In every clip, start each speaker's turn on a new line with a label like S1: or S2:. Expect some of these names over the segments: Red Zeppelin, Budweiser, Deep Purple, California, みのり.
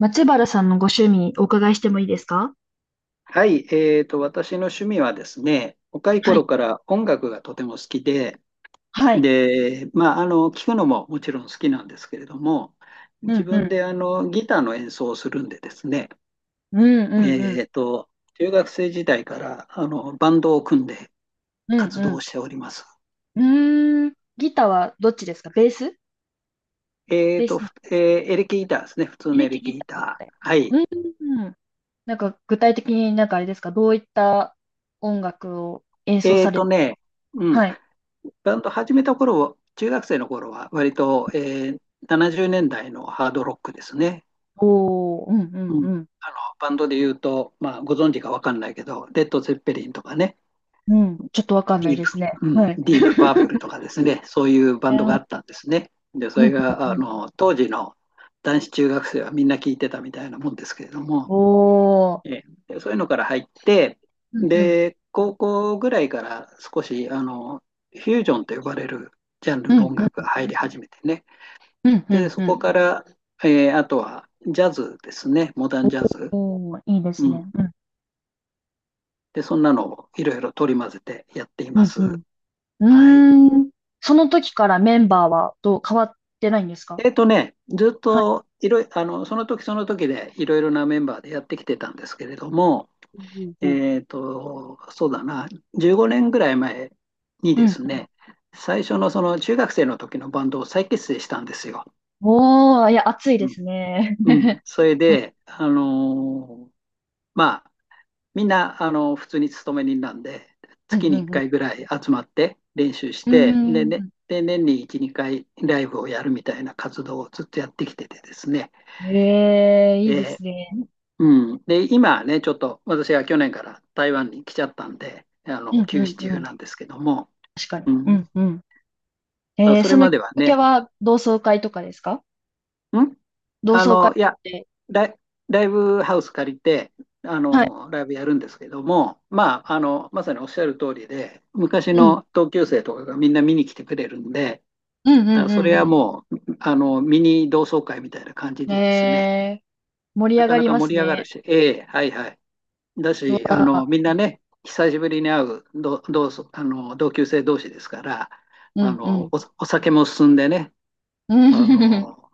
S1: 松原さんのご趣味お伺いしてもいいですか？
S2: はい、私の趣味はですね、若い
S1: はい。
S2: 頃から音楽がとても好きで、
S1: はい。
S2: 聴くのももちろん好きなんですけれども、
S1: う
S2: 自
S1: ん、う
S2: 分
S1: ん。
S2: でギターの演奏をするんでですね、
S1: うん、うん、うん。
S2: えーと、中学生時代からバンドを組んで
S1: うん、
S2: 活
S1: う
S2: 動
S1: ん。
S2: しております。
S1: うーん。ギターはどっちですか？ベース。
S2: え
S1: ベ
S2: ー
S1: ー
S2: と、
S1: スだ。
S2: ふえーエレキギターですね、普通
S1: エ
S2: の
S1: レ
S2: エ
S1: キ
S2: レキ
S1: ギ
S2: ギ
S1: ターっ
S2: タ
S1: て。
S2: ー。はい。
S1: うん、うん。なんか具体的に、なんかあれですか？どういった音楽を演奏
S2: え
S1: さ
S2: ー
S1: れる？
S2: とね、うん、
S1: はい。
S2: バンド始めた頃、中学生の頃は割と、ー70年代のハードロックですね。
S1: おー、うん、う
S2: う
S1: ん、
S2: ん、
S1: うん。
S2: あのバンドで言うと、まあ、ご存知かわかんないけど、レッド・ゼッペリンとかね、
S1: うん。ちょっとわかんな
S2: デ
S1: い
S2: ィー
S1: です
S2: プ、
S1: ね。
S2: うん、
S1: はい。
S2: ディープ・パープル とかですね、そういうバンドがあっ
S1: う
S2: たんですね。で、そ
S1: ん、う
S2: れ
S1: ん、
S2: が
S1: う
S2: あ
S1: ん。
S2: の当時の男子中学生はみんな聞いてたみたいなもんですけれども、
S1: おー。
S2: えそういうのから入って、
S1: うん、うん。
S2: で、高校ぐらいから少しフュージョンと呼ばれるジャン
S1: う
S2: ルの
S1: ん、
S2: 音
S1: う
S2: 楽
S1: ん、
S2: が入り始めてね。
S1: うん、う
S2: で、
S1: ん。
S2: そ
S1: う
S2: こ
S1: ん。
S2: から、あとはジャズですね、モダンジャズ。
S1: おー、いいで
S2: う
S1: す
S2: ん、
S1: ね。うん、
S2: で、そんなのをいろいろ取り混ぜてやってい
S1: う
S2: ま
S1: ん、う
S2: す。
S1: ん。
S2: はい。
S1: うーん。その時からメンバーはどう変わってないんですか？
S2: ずっ
S1: はい。
S2: といろいあの、その時その時でいろいろなメンバーでやってきてたんですけれども、
S1: うんうん
S2: そうだな、15年ぐらい前に
S1: うん。
S2: で
S1: うん。
S2: すね、最初のその中学生の時のバンドを再結成したんですよ。
S1: おー、いや、暑いで
S2: うん。
S1: すね。
S2: うん、 それで、まあ、みんな、あの、普通に勤め人なんで、
S1: うん
S2: 月に
S1: う
S2: 1
S1: ん
S2: 回ぐらい集まって練習し
S1: う
S2: て、
S1: ん。うー
S2: で、ね、
S1: ん。
S2: で年に1、2回ライブをやるみたいな活動をずっとやってきててですね、
S1: ええ、いいで
S2: え
S1: すね。
S2: ーうん、で、今ね、ちょっと私は去年から台湾に来ちゃったんで、あ
S1: う
S2: の、
S1: んう
S2: 休
S1: ん
S2: 止
S1: う
S2: 中
S1: ん。
S2: なんですけども、
S1: 確かに。
S2: う
S1: う
S2: ん、
S1: んうん。
S2: あ、それ
S1: その
S2: ま
S1: きっ
S2: では
S1: かけ
S2: ね、
S1: は同窓会とかですか？
S2: ん
S1: 同
S2: あ
S1: 窓会っ
S2: の、いや、
S1: て。
S2: ライ、ライブハウス借りて、あ
S1: はい。
S2: の、ライブやるんですけども、まあ、あの、まさにおっしゃる通りで、昔
S1: うん。
S2: の同級生とかがみんな見に来てくれるんで、
S1: うん
S2: だか
S1: う
S2: らそ
S1: ん
S2: れは
S1: うん
S2: もう、あの、ミニ同窓会みたいな感じ
S1: うん。
S2: でですね、
S1: 盛り
S2: な
S1: 上
S2: か
S1: が
S2: な
S1: り
S2: か
S1: ます
S2: 盛り上が
S1: ね。
S2: るし、ええ、はいはい。だ
S1: う
S2: し、あ
S1: わー、
S2: の、みんなね、久しぶりに会う同、同窓、あの、同級生同士ですから、
S1: う
S2: あ
S1: んう
S2: の、
S1: ん。
S2: お酒も進んでね、
S1: う
S2: あ
S1: ん。
S2: の、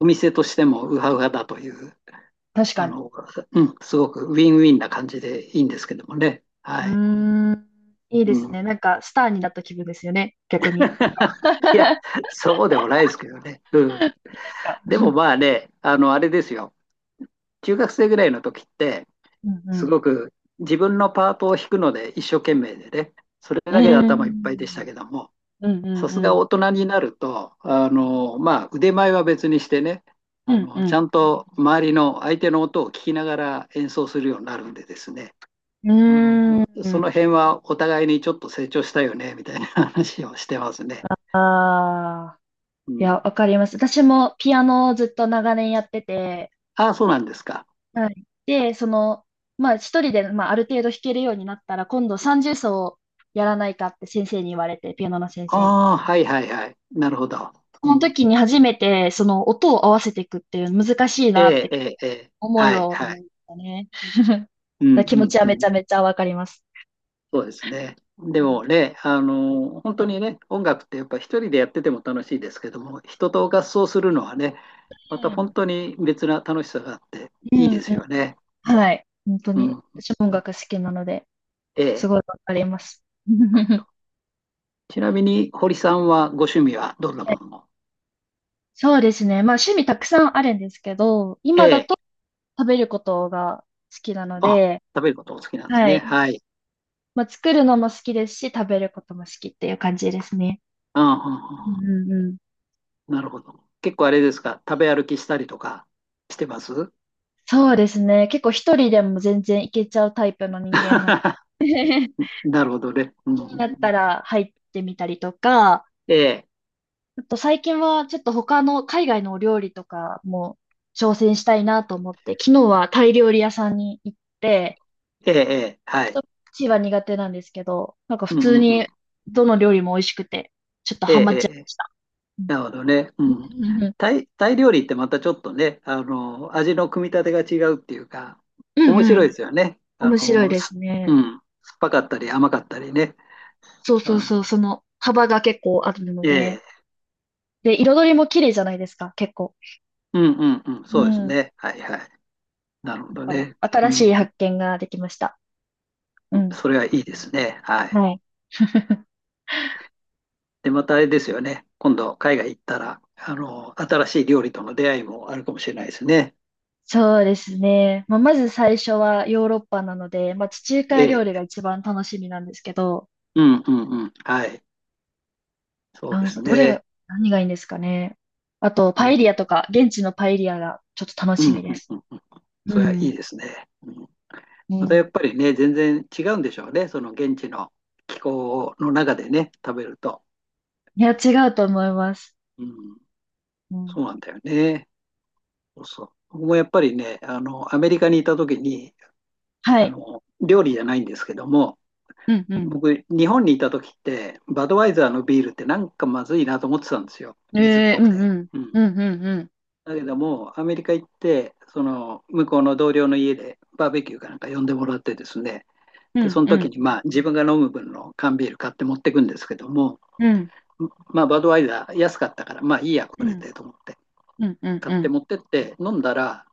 S2: お店としてもウハウハだという
S1: 確
S2: あ
S1: かに。
S2: の、うん、すごくウィンウィンな感じでいいんですけどもね。
S1: う
S2: はい。
S1: ーん、いい
S2: う
S1: です
S2: ん。
S1: ね。なんか、スターになった気分ですよね。逆に。なんか、
S2: いや、そうでもないですけどね。う ん。
S1: ですか。
S2: でもまあね、あの、あれですよ。中学生ぐらいの時って、
S1: うんう
S2: す
S1: ん。
S2: ごく自分のパートを弾くので一生懸命でね、それ
S1: う
S2: だけで
S1: ー
S2: 頭いっぱいでした
S1: ん、
S2: けども、
S1: う
S2: さ
S1: ん
S2: す
S1: う
S2: が
S1: ん。
S2: 大人になると、あの、まあ、腕前は別にしてね、
S1: う
S2: あ
S1: ん
S2: の、
S1: う
S2: ち
S1: ん。
S2: ゃんと周りの相手の音を聞きながら演奏するようになるんでですね、
S1: う
S2: あ
S1: ん。う
S2: の、
S1: ー
S2: その
S1: ん。
S2: 辺はお互いにちょっと成長したよね、みたいな話をしてますね。
S1: ああ。
S2: う
S1: い
S2: ん。
S1: や、わかります。私もピアノをずっと長年やってて、
S2: ああ、そうなんですか。
S1: はい。で、その、まあ一人で、まあ、ある程度弾けるようになったら、今度30奏をやらないかって先生に言われて、ピアノの先生に。
S2: ああ、はいはいはい。なるほど。
S1: そ
S2: う
S1: の
S2: ん。
S1: 時に初めて、その音を合わせていくっていう難しい
S2: え
S1: なっ
S2: え、
S1: て
S2: ええ、ええ、
S1: 思い
S2: はい
S1: を見
S2: は
S1: ま
S2: い。
S1: したね。だか
S2: うん、
S1: ら
S2: う
S1: 気持
S2: ん、
S1: ちは
S2: う
S1: めち
S2: ん。
S1: ゃめちゃわかります。
S2: そうですね。
S1: う
S2: で
S1: ん。
S2: もね、あの、本当にね、音楽ってやっぱ一人でやってても楽しいですけども、人と合奏するのはね、また本当に別な楽しさがあって
S1: う
S2: いい
S1: ん
S2: です
S1: うん。
S2: よね。
S1: はい。本当
S2: うん。
S1: に。
S2: うん、
S1: 私も音楽好きなので、
S2: え
S1: す
S2: え、
S1: ごいわかります。
S2: なるほど。ちなみに、堀さんはご趣味はどんな
S1: え
S2: ものを。
S1: そうですね。まあ趣味たくさんあるんですけど、
S2: え
S1: 今だ
S2: え。
S1: と食べることが好きなの
S2: あ、
S1: で、
S2: 食べることお好きなんです
S1: は
S2: ね。
S1: い。
S2: はい。
S1: まあ作るのも好きですし、食べることも好きっていう感じですね。
S2: うん、うん、う
S1: うん
S2: ん
S1: うんうん。
S2: うん。なるほど。結構あれですか、食べ歩きしたりとかしてます？
S1: そうですね。結構一人でも全然いけちゃうタイプの人間な ので、
S2: なるほどね。うん、う
S1: だ
S2: ん
S1: っ
S2: う
S1: た
S2: ん。
S1: ら入ってみたりとか、
S2: ええ、
S1: あと最近はちょっと他の海外のお料理とかも挑戦したいなと思って、昨日はタイ料理屋さんに行って、
S2: ええ、ええ、は
S1: ちょ
S2: い。
S1: っとチーは苦手なんですけど、なんか
S2: う
S1: 普
S2: ん、う
S1: 通
S2: ん、うん。
S1: にどの料理も美味しくて、ちょっと
S2: ええ、
S1: ハマ
S2: え
S1: っちゃい
S2: え。え
S1: ま
S2: え、
S1: した。うん
S2: なるほどね。うん。
S1: うんうんうん。
S2: タイ料理ってまたちょっとね、あの、味の組み立てが違うっていうか、
S1: うん
S2: 面
S1: う
S2: 白いで
S1: ん。
S2: すよね。あ
S1: 面白い
S2: の、
S1: です
S2: う
S1: ね。
S2: ん。酸っぱかったり甘かったりね。
S1: そうそ
S2: あ
S1: うそ
S2: の、
S1: う、その幅が結構あるの
S2: え
S1: で、
S2: え。
S1: で、彩りも綺麗じゃないですか、結構。
S2: うん、うん、うん。
S1: う
S2: そうです
S1: ん。だ
S2: ね。はい、はい。なるほど
S1: から、
S2: ね。う
S1: 新しい
S2: ん。
S1: 発見ができました。うん。
S2: それはいいですね。はい。
S1: はい。
S2: で、またあれですよね。今度、海外行ったら、あの、新しい料理との出会いもあるかもしれないですね。
S1: そうですね。まあ、まず最初はヨーロッパなので、まあ、地中海料
S2: え
S1: 理が
S2: え。
S1: 一番楽しみなんですけど、
S2: うんうんうん。はい。そう
S1: な
S2: で
S1: んか
S2: す
S1: ど
S2: ね。
S1: れ、何がいいんですかね。あと、
S2: う
S1: パ
S2: ん。
S1: エリアとか、現地のパエリアがちょっと楽
S2: う
S1: し
S2: ん
S1: み
S2: う
S1: で
S2: ん
S1: す。
S2: うんうん。そ
S1: う
S2: れはい
S1: ん。
S2: いですね。うん。
S1: う
S2: またや
S1: ん。
S2: っぱりね、全然違うんでしょうね。その現地の気候の中でね、食べると。
S1: いや、違うと思います。
S2: うん。
S1: うん。
S2: そうなんだよね。そうそう。僕もやっぱりね、あの、アメリカにいた時に、
S1: は
S2: あ
S1: い。
S2: の、料理じゃないんですけども、
S1: うんうん。
S2: 僕、日本にいた時って、バドワイザーのビールってなんかまずいなと思ってたんですよ。水っ
S1: え
S2: ぽ
S1: ー、う
S2: く
S1: ん
S2: て。
S1: うん。
S2: う
S1: う
S2: ん。
S1: んうんうん。
S2: だけども、アメリカ行って、その、向こうの同僚の家でバーベキューかなんか呼んでもらってですね、
S1: う
S2: で、そ
S1: ん
S2: の
S1: う
S2: 時
S1: ん。
S2: に、まあ、自分が飲む分の缶ビール買って持ってくんですけども、
S1: うん
S2: まあ、バドワイザー安かったから、まあいいや、
S1: う
S2: これ
S1: ん
S2: でと思って、
S1: うん
S2: 買って
S1: う
S2: 持ってって飲んだら、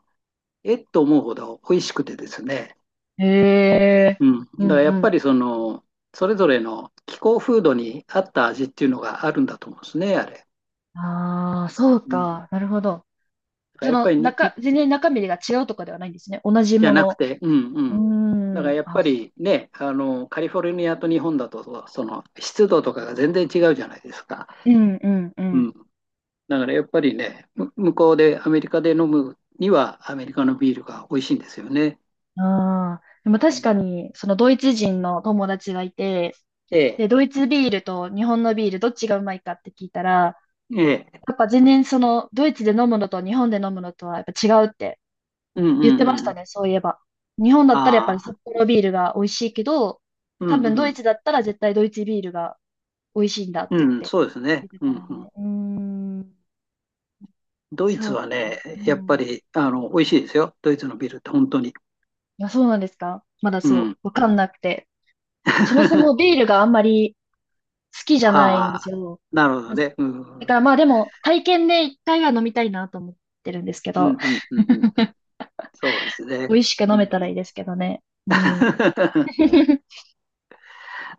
S2: えっと思うほど美味しくてですね、
S1: ん。え
S2: うん。
S1: ー、う
S2: だから
S1: ん
S2: や
S1: う
S2: っぱ
S1: ん。
S2: りその、それぞれの気候風土に合った味っていうのがあるんだと思うんですね、あれ。
S1: ああ、そう
S2: うん。
S1: か。なるほど。
S2: だから
S1: そ
S2: やっぱ
S1: の
S2: りに、
S1: 中、全然中身が違うとかではないんですね。同じ
S2: じゃ
S1: も
S2: なく
S1: の。
S2: て、うんう
S1: う
S2: ん。だか
S1: ー
S2: ら
S1: ん。
S2: やっ
S1: あ、
S2: ぱりね、あの、カリフォルニアと日本だと、その湿度とかが全然違うじゃないですか。
S1: うんうんう
S2: う
S1: ん。
S2: ん。だからやっぱりね、向こうでアメリカで飲むにはアメリカのビールが美味しいんですよね。
S1: ああ。でも
S2: う
S1: 確か
S2: ん、
S1: に、そのドイツ人の友達がいて、
S2: ええ、
S1: で、ドイツビールと日本のビールどっちがうまいかって聞いたら、
S2: ええ、
S1: やっぱ全然そのドイツで飲むのと日本で飲むのとはやっぱ違うって
S2: うんう
S1: 言ってまし
S2: んう
S1: た
S2: ん。
S1: ね、そういえば。日本だったらやっぱり
S2: あ
S1: 札
S2: あ、
S1: 幌ビールが美味しいけど、
S2: う
S1: 多
S2: んう
S1: 分ドイ
S2: ん。
S1: ツだったら絶対ドイツビールが美味しいんだって
S2: うん、
S1: 言って
S2: そうです
S1: 言
S2: ね。
S1: って
S2: う
S1: たの
S2: んうん。
S1: ね。うーん。
S2: ドイ
S1: そ
S2: ツ
S1: う
S2: は
S1: か。
S2: ね、
S1: う
S2: やっ
S1: ん。
S2: ぱ
S1: あ、
S2: り、あの、美味しいですよ。ドイツのビールって本当に。
S1: そうなんですか？まだ
S2: う
S1: そ
S2: ん。
S1: う、わかんなくて。そもそも ビールがあんまり好きじゃないんで
S2: あ
S1: す
S2: あ、
S1: よ。
S2: なるほどね。うん。
S1: だ
S2: う
S1: か
S2: ん
S1: らまあでも、体験で一回は飲みたいなと思ってるんですけ
S2: うん
S1: ど、
S2: うん うんうん。そうです
S1: 美
S2: ね。
S1: 味しく飲
S2: う
S1: めたらいい
S2: ん、
S1: ですけどね。うん。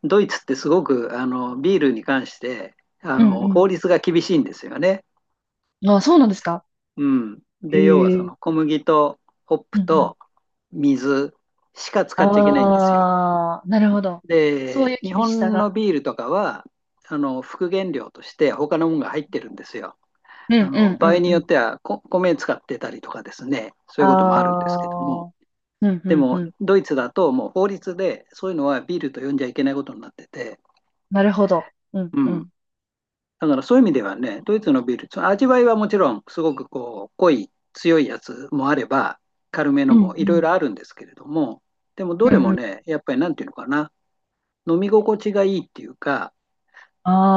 S2: ドイツってすごくビールに関してあ
S1: うん
S2: の
S1: う
S2: 法律が厳しいんですよね。
S1: ん。あ、そうなんですか？
S2: うん、
S1: え
S2: で要はそ
S1: え、
S2: の小麦とホッ
S1: うんう
S2: プ
S1: ん。
S2: と水しか使っちゃいけないんですよ。
S1: ああ、なるほど。そういう
S2: で、日
S1: 厳しさ
S2: 本
S1: が。
S2: のビールとかは、あの副原料として他のものが入ってるんですよ。
S1: うん
S2: あ
S1: う
S2: の
S1: ん
S2: 場
S1: う
S2: 合
S1: ん
S2: に
S1: う
S2: よっ
S1: ん。
S2: ては米使ってたりとかですね、そ
S1: あ
S2: ういうこともあるんですけども、
S1: あ、うんう
S2: で
S1: んう
S2: も
S1: ん。
S2: ドイツだともう法律でそういうのはビールと呼んじゃいけないことになってて、
S1: なるほど。うん
S2: う
S1: う
S2: ん、
S1: ん。
S2: だからそういう意味ではね、ドイツのビール、その味わいはもちろんすごくこう濃い、強いやつもあれば、軽めの
S1: う
S2: も
S1: ん
S2: い
S1: う
S2: ろい
S1: ん。
S2: ろあるんですけれども、でもど
S1: う
S2: れ
S1: ん
S2: も
S1: うん。
S2: ね、やっぱりなんていうのかな、飲み心地がいいっていうか、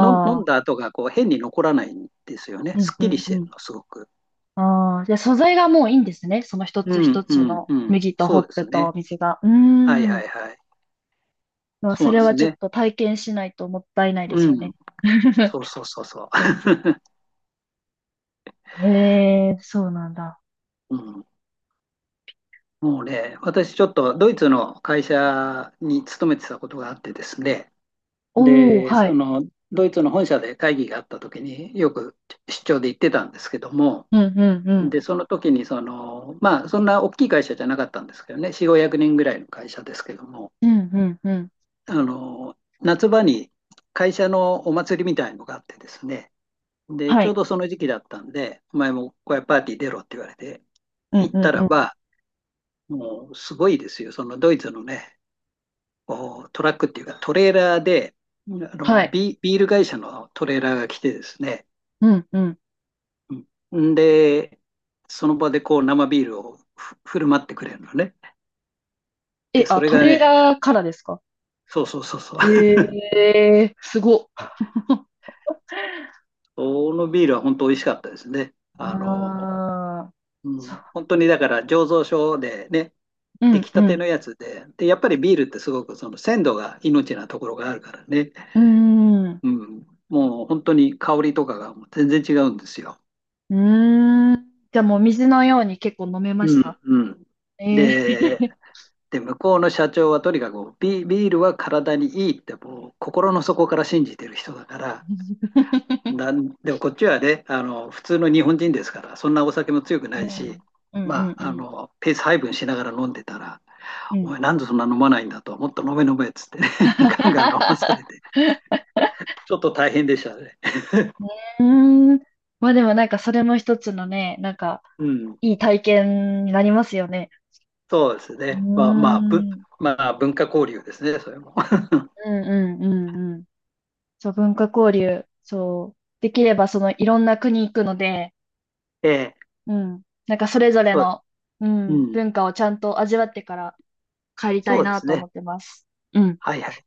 S2: 飲ん
S1: あ、
S2: だ後がこう変に残らないんですよね。
S1: う
S2: す
S1: ん
S2: っ
S1: う
S2: きり
S1: ん
S2: して
S1: う
S2: る
S1: ん。
S2: の、すごく。
S1: ああ、じゃあ素材がもういいんですね。その一
S2: う
S1: つ一
S2: んう
S1: つ
S2: ん
S1: の
S2: うん。
S1: 麦と
S2: そ
S1: ホッ
S2: うで
S1: プ
S2: すね。
S1: と水が。う
S2: はい
S1: ー
S2: は
S1: ん。
S2: いはい。
S1: まあ、
S2: そう
S1: そ
S2: なん
S1: れ
S2: です
S1: はちょっ
S2: ね。
S1: と体験しないともったいないです
S2: う
S1: よ
S2: ん。
S1: ね。
S2: そうそうそうそ
S1: そうです。ええ、そうなんだ。
S2: う。うん。もうね、私ちょっとドイツの会社に勤めてたことがあってですね。
S1: おお、
S2: で、
S1: は
S2: そ
S1: い。
S2: のドイツの本社で会議があった時によく出張で行ってたんですけども、
S1: うんうんうん。
S2: で、その時にその、まあ、そんな大きい会社じゃなかったんですけどね、4、500人ぐらいの会社ですけども、
S1: うんうんうん。
S2: あの、夏場に会社のお祭りみたいのがあってですね、で、
S1: は
S2: ちょう
S1: い。
S2: どその時期だったんで、お前も小屋パーティー出ろって言われて、
S1: うん
S2: 行っ
S1: うん
S2: たら
S1: うん。
S2: ば、もうすごいですよ、そのドイツのね、こうトラックっていうかトレーラーで、あ
S1: はい。
S2: ビール会社のトレーラーが来てですね、
S1: うんうん。
S2: うん、で、その場でこう生ビールを振る舞ってくれるのね。で、
S1: え、
S2: そ
S1: あ、
S2: れ
S1: ト
S2: が
S1: レー
S2: ね、
S1: ラーからですか？
S2: そうそうそうそう、
S1: ええ、すごっ。
S2: このビールは本当美味しかったですね。あの、
S1: ああ、
S2: う
S1: そ
S2: ん、
S1: う。
S2: 本当にだから醸造所でね、
S1: う
S2: 出
S1: ん
S2: 来た
S1: う
S2: て
S1: ん。
S2: のやつで、で、やっぱりビールってすごくその鮮度が命なところがあるからね、
S1: うーん。
S2: うん、もう本当に香りとかがもう全然違うんですよ。
S1: うーん。じゃあもう水のように結構飲めまし
S2: うん、
S1: た？
S2: うん。
S1: ええ、
S2: で、で、向こうの社長はとにかくビールは体にいいってもう心の底から信じてる人だから、なんでもこっちはね、あの、普通の日本人ですから、そんなお酒も強く
S1: う
S2: な
S1: ん。
S2: いし、
S1: うんう
S2: ま
S1: んう
S2: あ、あ
S1: ん
S2: の、ペース配分しながら飲んでたら、
S1: うん。う
S2: お
S1: ん。
S2: 前なんでそんな飲まないんだと、もっと飲め飲めっつってね ガンガン飲まされて、ちょっと大変でしたね。
S1: うーん。まあでもなんかそれも一つのね、なんか
S2: うん、
S1: いい体験になりますよね。
S2: そうです
S1: うー
S2: ね。
S1: ん。うん
S2: まあ、文化交流ですね、それも。
S1: うんうんうん。そう、文化交流。そう。できればそのいろんな国行くので、
S2: えー
S1: うん。なんかそれぞれ
S2: そう、
S1: の、う
S2: う
S1: ん、
S2: ん、
S1: 文化をちゃんと味わってから帰りた
S2: そ
S1: い
S2: うで
S1: な
S2: す
S1: と思
S2: ね。
S1: ってます。うん。
S2: はいはい。